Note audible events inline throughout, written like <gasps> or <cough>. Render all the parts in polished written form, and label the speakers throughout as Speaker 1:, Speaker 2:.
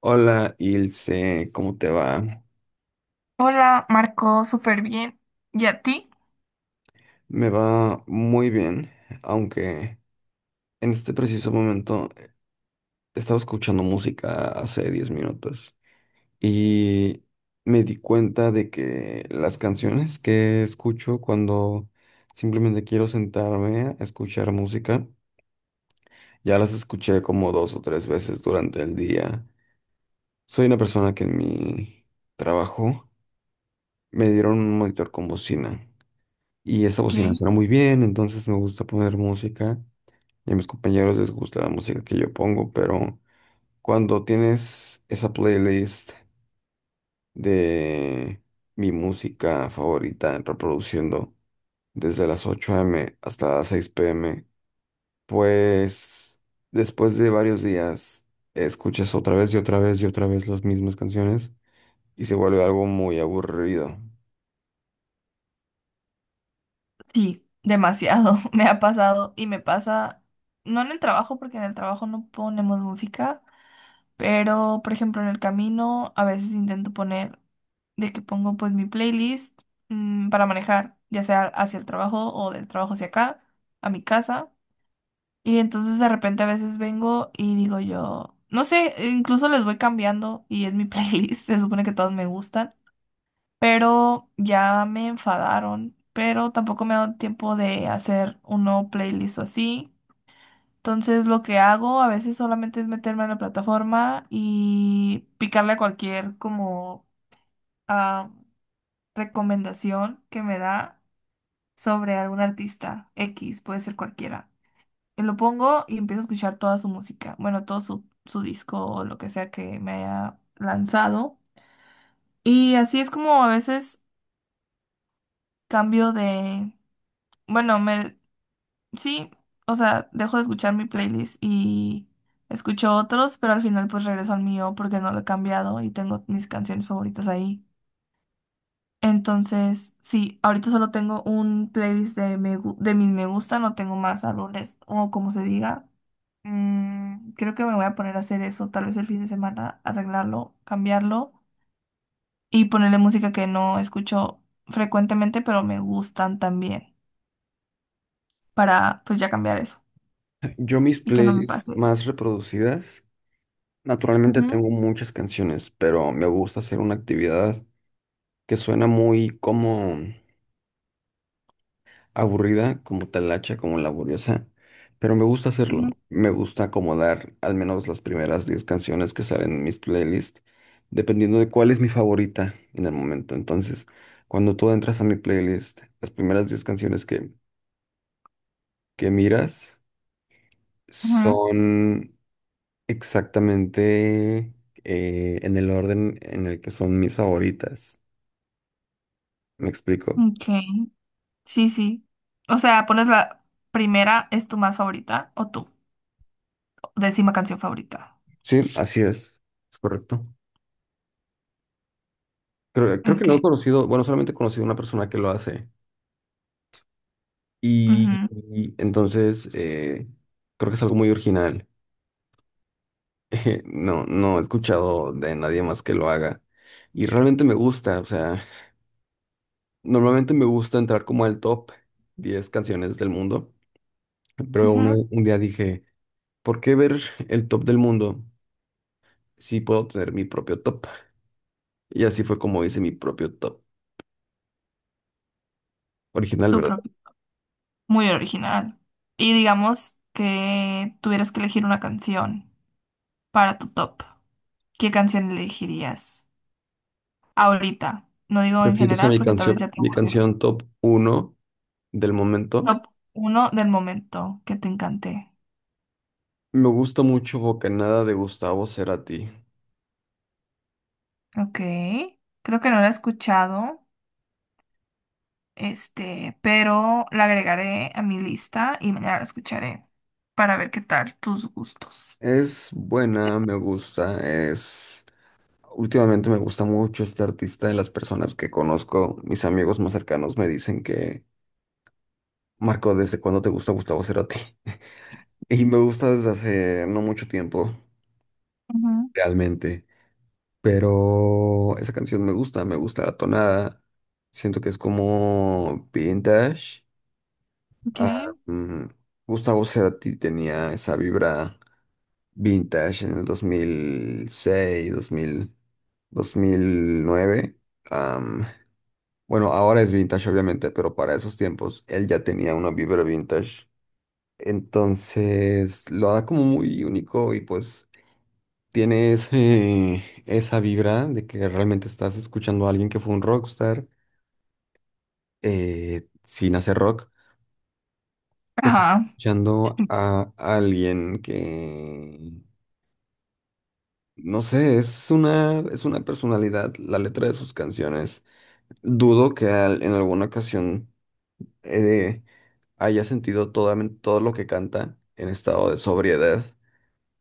Speaker 1: Hola Ilse, ¿cómo te va?
Speaker 2: Hola, Marco, súper bien. ¿Y a ti?
Speaker 1: Me va muy bien, aunque en este preciso momento estaba escuchando música hace 10 minutos y me di cuenta de que las canciones que escucho cuando simplemente quiero sentarme a escuchar música, ya las escuché como dos o tres veces durante el día. Soy una persona que en mi trabajo me dieron un monitor con bocina. Y esa bocina suena muy bien, entonces me gusta poner música y a mis compañeros les gusta la música que yo pongo, pero cuando tienes esa playlist de mi música favorita reproduciendo desde las 8 a.m. hasta las 6 p.m., pues después de varios días escuchas otra vez y otra vez y otra vez las mismas canciones y se vuelve algo muy aburrido.
Speaker 2: Sí, demasiado. <laughs> Me ha pasado y me pasa, no en el trabajo, porque en el trabajo no ponemos música, pero por ejemplo en el camino a veces intento poner, de que pongo pues mi playlist para manejar, ya sea hacia el trabajo o del trabajo hacia acá, a mi casa. Y entonces de repente a veces vengo y digo yo, no sé, incluso les voy cambiando y es mi <laughs> playlist, se supone que todos me gustan, pero ya me enfadaron, pero tampoco me ha dado tiempo de hacer un nuevo playlist o así. Entonces lo que hago a veces solamente es meterme en la plataforma y picarle a cualquier como ah, recomendación que me da sobre algún artista X, puede ser cualquiera. Y lo pongo y empiezo a escuchar toda su música, bueno, todo su, su disco o lo que sea que me haya lanzado. Y así es como a veces cambio de... Bueno, me... Sí, o sea, dejo de escuchar mi playlist y escucho otros, pero al final pues regreso al mío porque no lo he cambiado y tengo mis canciones favoritas ahí. Entonces, sí, ahorita solo tengo un playlist de, me, de mis me gusta, no tengo más álbumes o como se diga. Creo que me voy a poner a hacer eso, tal vez el fin de semana, arreglarlo, cambiarlo y ponerle música que no escucho frecuentemente, pero me gustan también, para pues ya cambiar eso
Speaker 1: Yo mis
Speaker 2: y que no me
Speaker 1: playlists
Speaker 2: pase.
Speaker 1: más reproducidas naturalmente
Speaker 2: Ujú.
Speaker 1: tengo muchas canciones, pero me gusta hacer una actividad que suena muy como aburrida, como talacha, como laboriosa, pero me gusta hacerlo. Me gusta acomodar al menos las primeras 10 canciones que salen en mis playlists, dependiendo de cuál es mi favorita en el momento. Entonces, cuando tú entras a mi playlist, las primeras 10 canciones que miras
Speaker 2: Ujú.
Speaker 1: son exactamente en el orden en el que son mis favoritas. Me explico.
Speaker 2: Ok, sí, sí. O sea, pones la primera, ¿es tu más favorita o tu décima canción favorita?
Speaker 1: Sí, así es. Es correcto. Creo que
Speaker 2: Ok,
Speaker 1: no he conocido, bueno, solamente he conocido una persona que lo hace. Y,
Speaker 2: ujú,
Speaker 1: y entonces creo que es algo muy original. <laughs> No he escuchado de nadie más que lo haga. Y realmente me gusta, o sea, normalmente me gusta entrar como al top 10 canciones del mundo. Pero
Speaker 2: ujú.
Speaker 1: un día dije, ¿por qué ver el top del mundo si puedo tener mi propio top? Y así fue como hice mi propio top original,
Speaker 2: Tu
Speaker 1: ¿verdad?
Speaker 2: propio. Muy original. Y digamos que tuvieras que elegir una canción para tu top. ¿Qué canción elegirías ahorita? No digo en
Speaker 1: ¿Refieres a
Speaker 2: general porque tal vez ya te
Speaker 1: mi
Speaker 2: aburrió.
Speaker 1: canción top uno del momento?
Speaker 2: Top uno del momento que te encanté.
Speaker 1: Me gusta mucho Bocanada de Gustavo Cerati.
Speaker 2: Ok, creo que no la he escuchado. Este, pero la agregaré a mi lista y mañana la escucharé para ver qué tal tus gustos.
Speaker 1: Es buena, me gusta, es... Últimamente me gusta mucho este artista. De las personas que conozco, mis amigos más cercanos me dicen que, Marco, ¿desde cuándo te gusta Gustavo Cerati? <laughs> Y me gusta desde hace no mucho tiempo,
Speaker 2: Ujú.
Speaker 1: realmente. Pero esa canción me gusta la tonada. Siento que es como vintage.
Speaker 2: Ok.
Speaker 1: Ah, mm, Gustavo Cerati tenía esa vibra vintage en el 2006, 2000, 2009. Am, bueno, ahora es vintage obviamente, pero para esos tiempos él ya tenía una vibra vintage. Entonces lo da como muy único y pues tiene esa vibra de que realmente estás escuchando a alguien que fue un rockstar sin hacer rock. Estás
Speaker 2: Ajá.
Speaker 1: escuchando a alguien que... No sé, es una personalidad, la letra de sus canciones. Dudo que en alguna ocasión eh, haya sentido todo lo que canta en estado de sobriedad,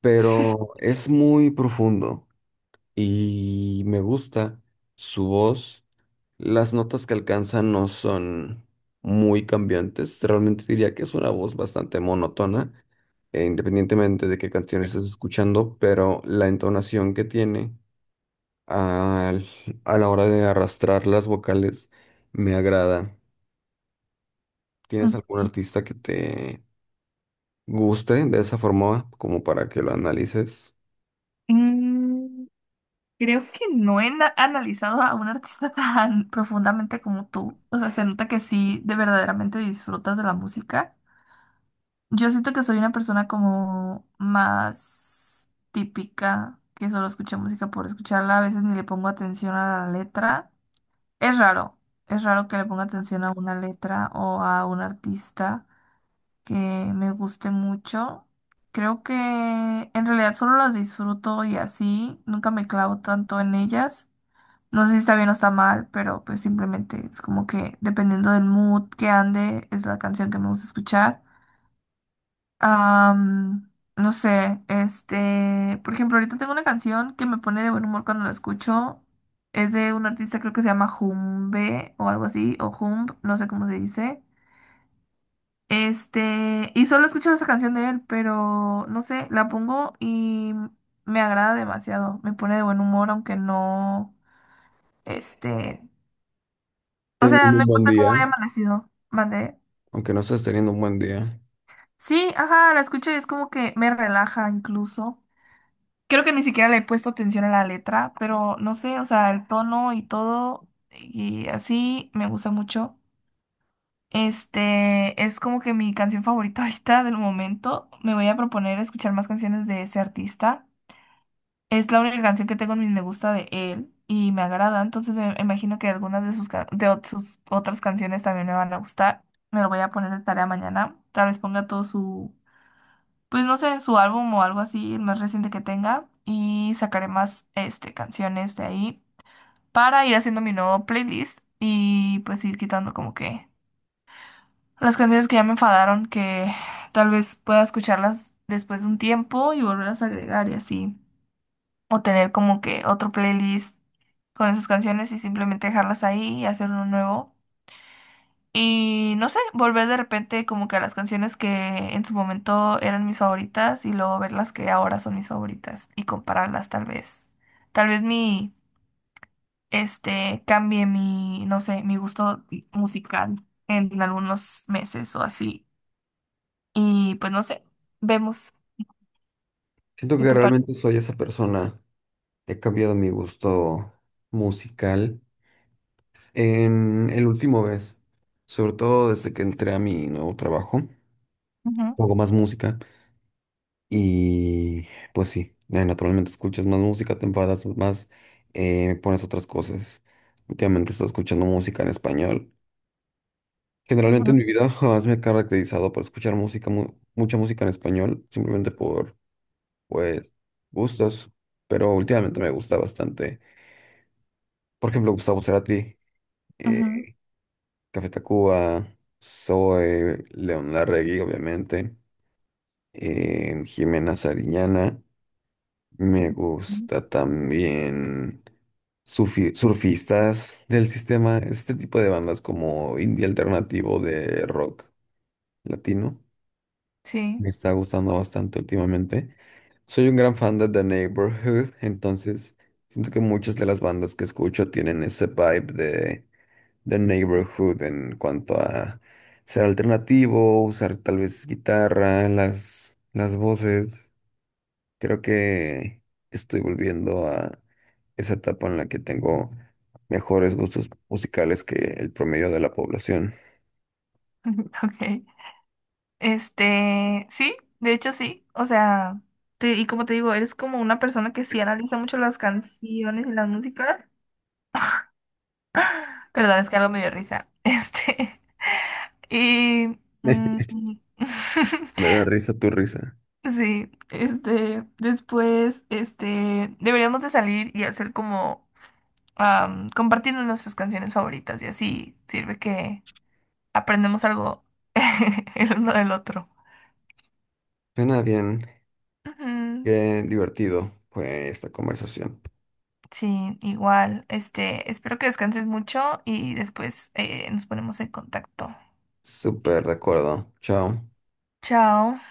Speaker 1: pero es muy profundo y me gusta su voz. Las notas que alcanza no son muy cambiantes, realmente diría que es una voz bastante monótona, independientemente de qué canciones estés escuchando, pero la entonación que tiene al- a la hora de arrastrar las vocales me agrada. ¿Tienes algún artista que te guste de esa forma como para que lo analices?
Speaker 2: Mm, Creo que no he analizado a un artista <laughs> tan profundamente como tú. O sea, se nota que sí, de verdaderamente disfrutas de la música. Yo siento que soy una persona como más típica, que solo escucha música por escucharla. A veces ni le pongo atención a la letra. Es raro, es raro que le ponga atención a una letra o a un artista que me guste mucho. Creo que en realidad solo las disfruto y así, nunca me clavo tanto en ellas. No sé si está bien o está mal, pero pues simplemente es como que dependiendo del mood que ande, es la canción que me gusta escuchar. Am, no sé, este, por ejemplo, ahorita tengo una canción que me pone de buen humor cuando la escucho. Es de un artista, creo que se llama Jumbe o algo así, o Jumb, no sé cómo se dice. Este, y solo he escuchado esa canción de él, pero no sé, la pongo y me agrada demasiado. Me pone de buen humor, aunque no, este, o sea,
Speaker 1: Teniendo
Speaker 2: no
Speaker 1: un buen
Speaker 2: importa cómo
Speaker 1: día,
Speaker 2: haya amanecido. Mandé.
Speaker 1: aunque no estés teniendo un buen día.
Speaker 2: Sí, ajá, la escucho y es como que me relaja incluso. Creo que ni siquiera le he puesto atención a la letra, pero no sé, o sea, el tono y todo, y así me gusta mucho. Este es como que mi canción favorita <laughs> ahorita del momento. Me voy a proponer escuchar más canciones de ese artista. Es la única canción que tengo en mis me gusta de él y me agrada, entonces me imagino que algunas de sus, sus otras canciones también me van a gustar. Me lo voy a poner de tarea mañana. Tal vez ponga todo su... pues no sé, su álbum o algo así, el más reciente que tenga, y sacaré más este, canciones de ahí para ir haciendo mi nuevo playlist y pues ir quitando como que las canciones que ya me enfadaron, que tal vez pueda escucharlas después de un tiempo y volverlas a agregar y así, o tener como que otro playlist con esas canciones y simplemente dejarlas ahí y hacer uno nuevo. Y no sé, volver de repente como que a las canciones que en su momento eran mis favoritas y luego ver las que ahora son mis favoritas y compararlas tal vez. Tal vez mi, este, cambie mi, no sé, mi gusto musical en algunos meses o así. Y pues no sé, vemos
Speaker 1: Siento
Speaker 2: qué
Speaker 1: que
Speaker 2: te parece.
Speaker 1: realmente soy esa persona. He cambiado mi gusto musical en el último mes, sobre todo desde que entré a mi nuevo trabajo.
Speaker 2: Ujú,
Speaker 1: Hago más música. Y pues sí, naturalmente escuchas más música, te enfadas más, pones otras cosas. Últimamente estoy escuchando música en español. Generalmente
Speaker 2: ujú,
Speaker 1: en mi vida <laughs> jamás me he caracterizado por escuchar música, mucha música en español, simplemente por, pues, gustos. Pero últimamente me gusta bastante. Por ejemplo, Gustavo Cerati,
Speaker 2: ujú,
Speaker 1: eh, Café Tacuba, Zoe, León Larregui, obviamente, Jimena Sariñana. Me
Speaker 2: ujú.
Speaker 1: gusta también surfistas del sistema, este tipo de bandas como indie alternativo de rock latino.
Speaker 2: Sí,
Speaker 1: Me está gustando bastante últimamente. Soy un gran fan de The Neighborhood, entonces siento que muchas de las bandas que escucho tienen ese vibe de The Neighborhood en cuanto a ser alternativo, usar tal vez guitarra, las voces. Creo que estoy volviendo a esa etapa en la que tengo mejores gustos musicales que el promedio de la población.
Speaker 2: <laughs> ok. Este, sí, de hecho sí, o sea, y como te digo, eres como una persona que sí analiza mucho las canciones y la música. <gasps> Perdón, es que algo me dio risa. Este, <laughs> y...
Speaker 1: <laughs> Me da
Speaker 2: <laughs>
Speaker 1: risa tu risa.
Speaker 2: sí, este, después, este, deberíamos de salir y hacer como compartirnos nuestras canciones favoritas y así sirve que aprendemos algo <laughs> el uno del otro.
Speaker 1: Suena bien,
Speaker 2: Ujú.
Speaker 1: qué divertido fue esta conversación.
Speaker 2: Sí, igual. Este, espero que descanses mucho y después nos ponemos en contacto.
Speaker 1: Súper de acuerdo. Chao.
Speaker 2: Chao.